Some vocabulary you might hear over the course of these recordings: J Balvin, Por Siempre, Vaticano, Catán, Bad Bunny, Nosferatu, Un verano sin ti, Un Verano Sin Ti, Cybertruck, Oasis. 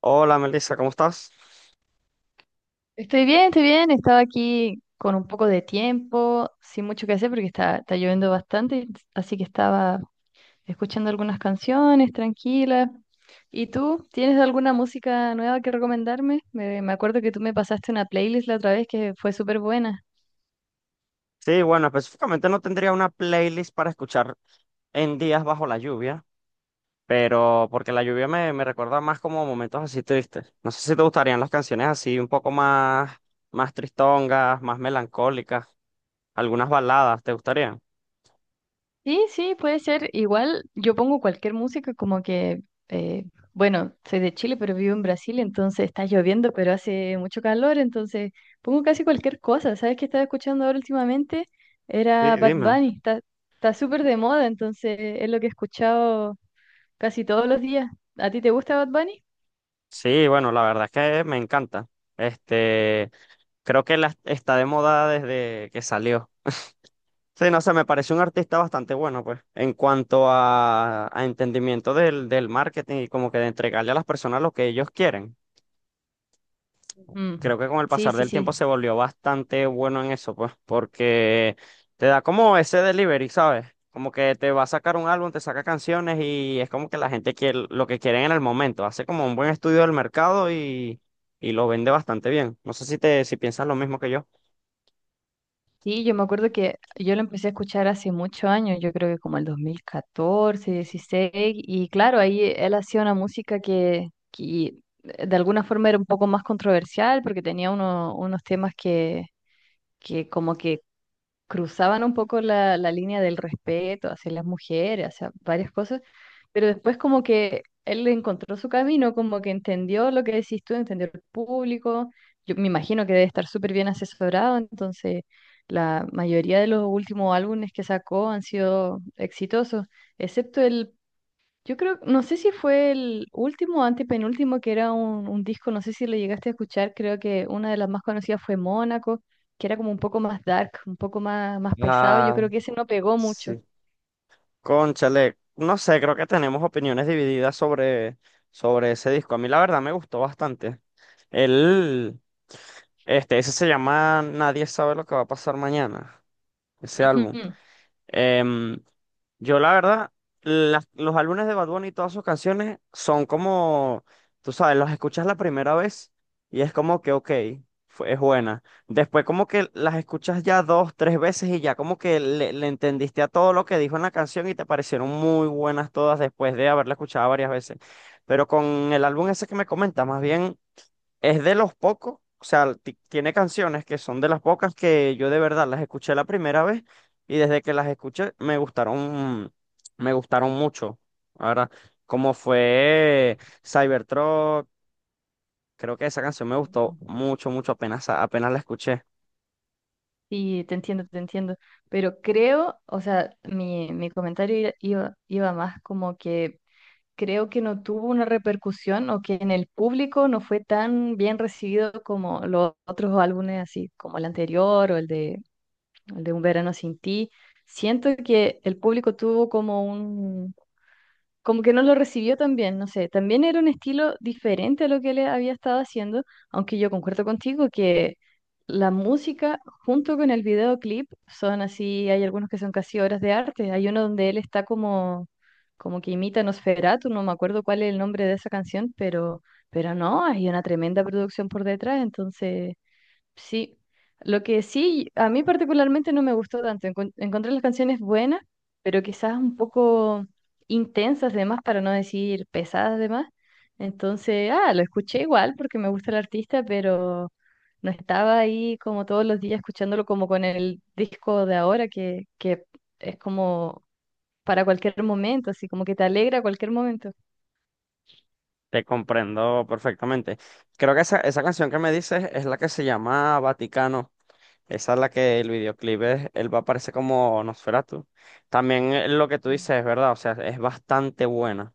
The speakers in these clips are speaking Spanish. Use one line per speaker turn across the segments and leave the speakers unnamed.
Hola Melissa, ¿cómo estás?
Estoy bien, estoy bien. Estaba aquí con un poco de tiempo, sin mucho que hacer porque está lloviendo bastante, así que estaba escuchando algunas canciones tranquilas. ¿Y tú? ¿Tienes alguna música nueva que recomendarme? Me acuerdo que tú me pasaste una playlist la otra vez que fue súper buena.
Sí, bueno, específicamente no tendría una playlist para escuchar en días bajo la lluvia, pero porque la lluvia me recuerda más como momentos así tristes. No sé si te gustarían las canciones así un poco más, más tristongas, más melancólicas, algunas baladas, ¿te gustarían?
Sí, sí, puede ser. Igual yo pongo cualquier música como que, eh, bueno, soy de Chile, pero vivo en Brasil, entonces está lloviendo, pero hace mucho calor, entonces pongo casi cualquier cosa. ¿Sabes qué estaba escuchando ahora últimamente?
Sí,
Era Bad
dime.
Bunny, está súper de moda, entonces es lo que he escuchado casi todos los días. ¿A ti te gusta Bad Bunny?
Sí, bueno, la verdad es que me encanta. Este, Creo que la, está de moda desde que salió. Sí, no sé, me parece un artista bastante bueno, pues, en cuanto a entendimiento del marketing y como que de entregarle a las personas lo que ellos quieren.
Mm.
Creo que con el
Sí,
pasar
sí,
del tiempo
sí.
se volvió bastante bueno en eso, pues, porque te da como ese delivery, ¿sabes? Como que te va a sacar un álbum, te saca canciones y es como que la gente quiere lo que quieren en el momento. Hace como un buen estudio del mercado y lo vende bastante bien. No sé si te, si piensas lo mismo que yo.
Sí, yo me acuerdo que yo lo empecé a escuchar hace muchos años, yo creo que como el 2014, 16 y claro, ahí él hacía una música que de alguna forma era un poco más controversial porque tenía unos temas que como que cruzaban un poco la línea del respeto hacia las mujeres, hacia varias cosas, pero después como que él encontró su camino, como que entendió lo que decís tú, entendió el público, yo me imagino que debe estar súper bien asesorado, entonces la mayoría de los últimos álbumes que sacó han sido exitosos, excepto el, yo creo, no sé si fue el último o antepenúltimo que era un disco, no sé si lo llegaste a escuchar, creo que una de las más conocidas fue Mónaco, que era como un poco más dark, un poco más, más pesado, yo
Ah,
creo que ese no pegó mucho.
sí. Cónchale, no sé, creo que tenemos opiniones divididas sobre, sobre ese disco. A mí la verdad me gustó bastante. Él, este, ese se llama Nadie sabe lo que va a pasar mañana, ese álbum.
Ujú,
Em, yo la verdad, los álbumes de Bad Bunny y todas sus canciones son como, tú sabes, los escuchas la primera vez y es como que, ok, fue, es buena. Después como que las escuchas ya dos, tres veces y ya como que le entendiste a todo lo que dijo en la canción y te parecieron muy buenas todas después de haberla escuchado varias veces. Pero con el álbum ese que me comentas, más bien... Es de los pocos, o sea, tiene canciones que son de las pocas que yo de verdad las escuché la primera vez y desde que las escuché me gustaron mucho. Ahora, como fue Cybertruck, creo que esa canción me gustó
ujú.
mucho, mucho, apenas, apenas la escuché.
Sí, te entiendo, pero creo, o sea, mi comentario iba más como que creo que no tuvo una repercusión o que en el público no fue tan bien recibido como los otros álbumes así, como el anterior o el de Un Verano Sin Ti. Siento que el público tuvo como un, como que no lo recibió tan bien, no sé, también era un estilo diferente a lo que le había estado haciendo, aunque yo concuerdo contigo que la música junto con el videoclip son así, hay algunos que son casi obras de arte, hay uno donde él está como, como que imita a Nosferatu, no me acuerdo cuál es el nombre de esa canción, pero no, hay una tremenda producción por detrás, entonces... Sí, lo que sí, a mí particularmente no me gustó tanto. Encontré las canciones buenas, pero quizás un poco intensas de más, para no decir pesadas de más. Entonces, ah, lo escuché igual porque me gusta el artista, pero no estaba ahí como todos los días escuchándolo como con el disco de ahora, que es como para cualquier momento, así como que te alegra cualquier momento.
Te comprendo perfectamente. Creo que esa canción que me dices es la que se llama Vaticano. Esa es la que el videoclip es, él va a aparecer como Nosferatu. También lo que tú dices es verdad, o sea, es bastante buena.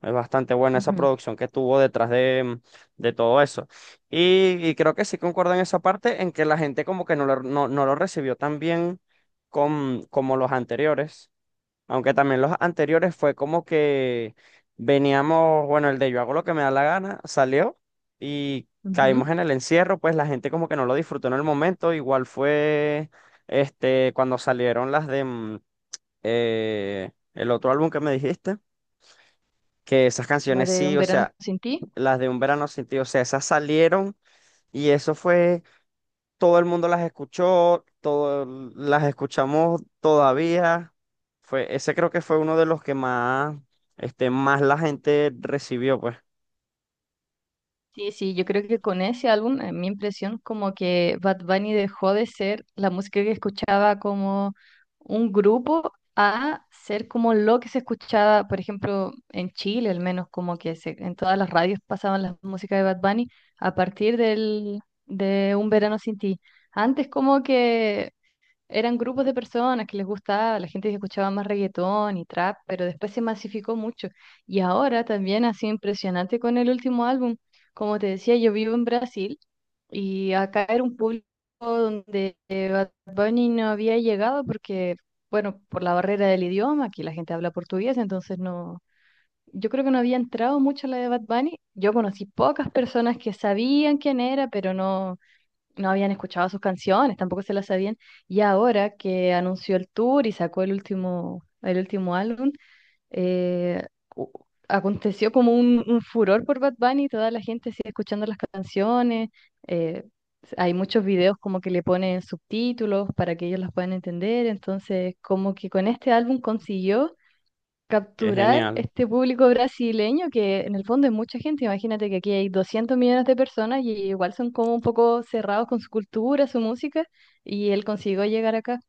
Es bastante buena esa producción que tuvo detrás de, de todo eso. Y creo que sí concuerdo en esa parte en que la gente como que no lo, no, no lo recibió tan bien con, como los anteriores. Aunque también los anteriores fue como que veníamos, bueno, el de yo hago lo que me da la gana, salió y
Ujú,
caímos
ujú.
en el encierro, pues la gente como que no lo disfrutó en el momento, igual fue este cuando salieron las de el otro álbum que me dijiste, que esas
La
canciones
de
sí,
Un
o
Verano
sea,
Sin Ti.
las de Un Verano Sin Ti, o sea, esas salieron y eso fue todo el mundo las escuchó, todo, las escuchamos todavía. Fue, ese creo que fue uno de los que más, este, más la gente recibió, pues.
Sí, sí, yo creo que con ese álbum, en mi impresión, como que Bad Bunny dejó de ser la música que escuchaba como un grupo a ser como lo que se escuchaba, por ejemplo, en Chile, al menos como que se, en todas las radios pasaban las músicas de Bad Bunny a partir del, de Un Verano Sin Ti. Antes como que eran grupos de personas que les gustaba, la gente que escuchaba más reggaetón y trap, pero después se masificó mucho. Y ahora también ha sido impresionante con el último álbum. Como te decía, yo vivo en Brasil y acá era un público donde Bad Bunny no había llegado porque, bueno, por la barrera del idioma, aquí la gente habla portugués, entonces no, yo creo que no había entrado mucho la de Bad Bunny. Yo conocí pocas personas que sabían quién era, pero no no habían escuchado sus canciones, tampoco se las sabían. Y ahora que anunció el tour y sacó el último álbum, eh, u- aconteció como un furor por Bad Bunny, toda la gente sigue escuchando las canciones. eh, Hay muchos videos como que le ponen subtítulos para que ellos las puedan entender. Entonces, como que con este álbum consiguió
Qué
capturar
genial.
este público brasileño, que en el fondo es mucha gente. Imagínate que aquí hay 200 millones de personas y igual son como un poco cerrados con su cultura, su música, y él consiguió llegar acá.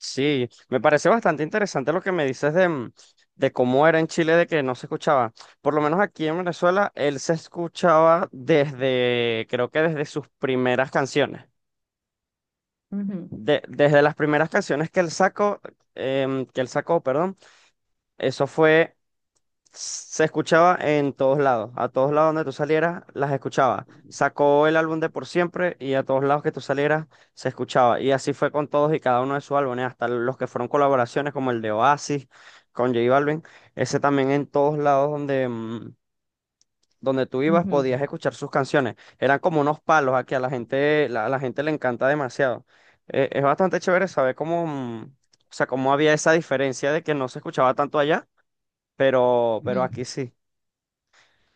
Sí, me parece bastante interesante lo que me dices de, de cómo era en Chile, de que no se escuchaba. Por lo menos aquí en Venezuela, él se escuchaba desde, creo que desde sus primeras canciones.
Ujú,
Desde las primeras canciones que él sacó, que él sacó, perdón, eso fue se escuchaba en todos lados. A todos lados donde tú salieras, las escuchaba. Sacó el álbum de Por Siempre y a todos lados que tú salieras, se escuchaba. Y así fue con todos y cada uno de sus álbumes, hasta los que fueron colaboraciones, como el de Oasis con J Balvin. Ese también en todos lados donde, donde tú ibas
ujú,
podías escuchar sus canciones. Eran como unos palos aquí, a la gente, la, a la gente le encanta demasiado. Es bastante chévere saber cómo, o sea, cómo había esa diferencia de que no se escuchaba tanto allá, pero
ujú.
aquí sí.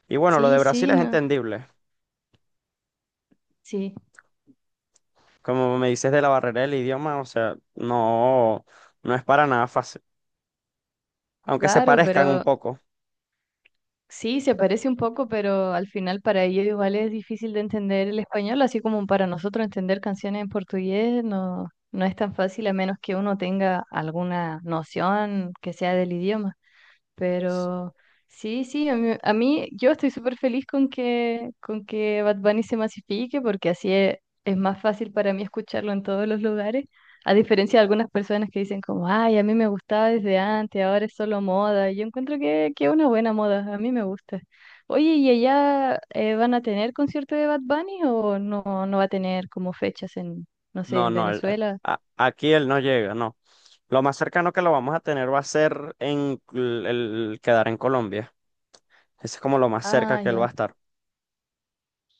Y bueno, lo de
Sí,
Brasil
sí,
es
no,
entendible.
sí,
Como me dices de la barrera del idioma, o sea, no, no es para nada fácil. Aunque se
claro,
parezcan un
pero
poco.
sí, se parece un poco, pero al final para ellos igual es difícil de entender el español, así como para nosotros entender canciones en portugués no, no es tan fácil a menos que uno tenga alguna noción que sea del idioma. Pero sí, sí, yo estoy súper feliz con que Bad Bunny se masifique porque así es más fácil para mí escucharlo en todos los lugares, a diferencia de algunas personas que dicen como, ay, a mí me gustaba desde antes, ahora es solo moda. Y yo encuentro que es una buena moda, a mí me gusta. Oye, ¿y allá van a tener concierto de Bad Bunny o no, va a tener como fechas en, no sé,
No,
en
no,
Venezuela?
aquí él no llega, no. Lo más cercano que lo vamos a tener va a ser en el quedar en Colombia. Ese es como lo más cerca
Ah,
que él va
ya.
a estar.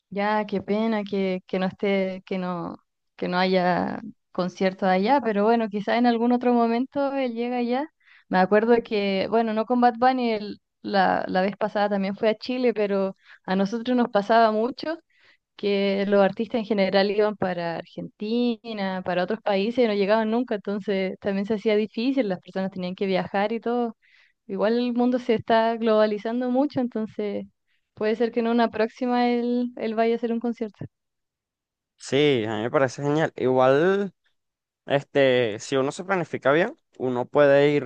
Ya, qué pena que no esté, que no haya concierto allá, pero bueno, quizás en algún otro momento él llega allá. Me acuerdo que, bueno, no con Bad Bunny, la vez pasada también fue a Chile, pero a nosotros nos pasaba mucho que los artistas en general iban para Argentina, para otros países y no llegaban nunca, entonces también se hacía difícil, las personas tenían que viajar y todo. Igual el mundo se está globalizando mucho, entonces puede ser que en una próxima él vaya a hacer un concierto.
Sí, a mí me parece genial. Igual. Este, si uno se planifica bien, uno puede ir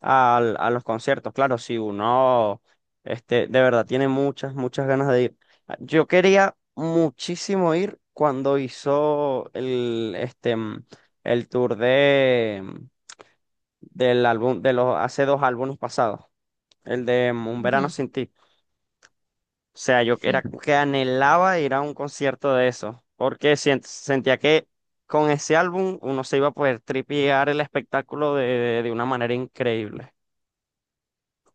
a los conciertos. Claro, si uno, este, de verdad tiene muchas, muchas ganas de ir. Ah, yo quería muchísimo ir cuando hizo el, el tour de, del álbum, de los hace dos álbumes pasados, el de Un Verano
Ujú.
Sin Ti. O sea, yo
Sí.
era como que anhelaba ir a un concierto de eso, porque sentía que con ese álbum uno se iba a poder tripear el espectáculo de una manera increíble.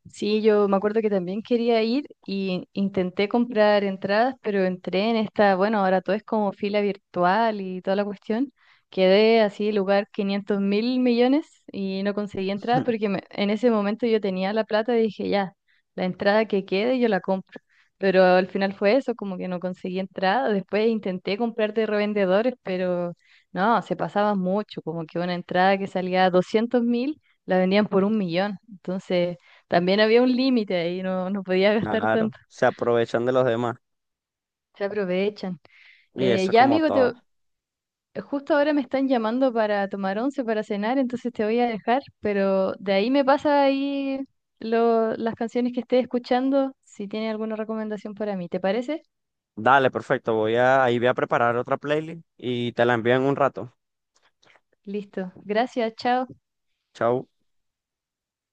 Sí, yo me acuerdo que también quería ir y intenté comprar entradas, pero entré en esta, bueno, ahora todo es como fila virtual y toda la cuestión. Quedé así, lugar 500.000 millones y no conseguí entrada porque en ese momento yo tenía la plata y dije, ya, la entrada que quede yo la compro. Pero al final fue eso, como que no conseguí entrada. Después intenté comprar de revendedores, pero no, se pasaba mucho, como que una entrada que salía 200.000 la vendían por un millón. Entonces... También había un límite ahí, no, no podía gastar
Claro,
tanto.
se aprovechan de los demás
Se aprovechan.
y eso es
Ya,
como
amigo,
todo.
justo ahora me están llamando para tomar once, para cenar, entonces te voy a dejar, pero de ahí me pasa ahí las canciones que estés escuchando, si tiene alguna recomendación para mí. ¿Te parece?
Dale, perfecto, voy a, ahí voy a preparar otra playlist y te la envío en un rato.
Listo. Gracias, chao.
Chau.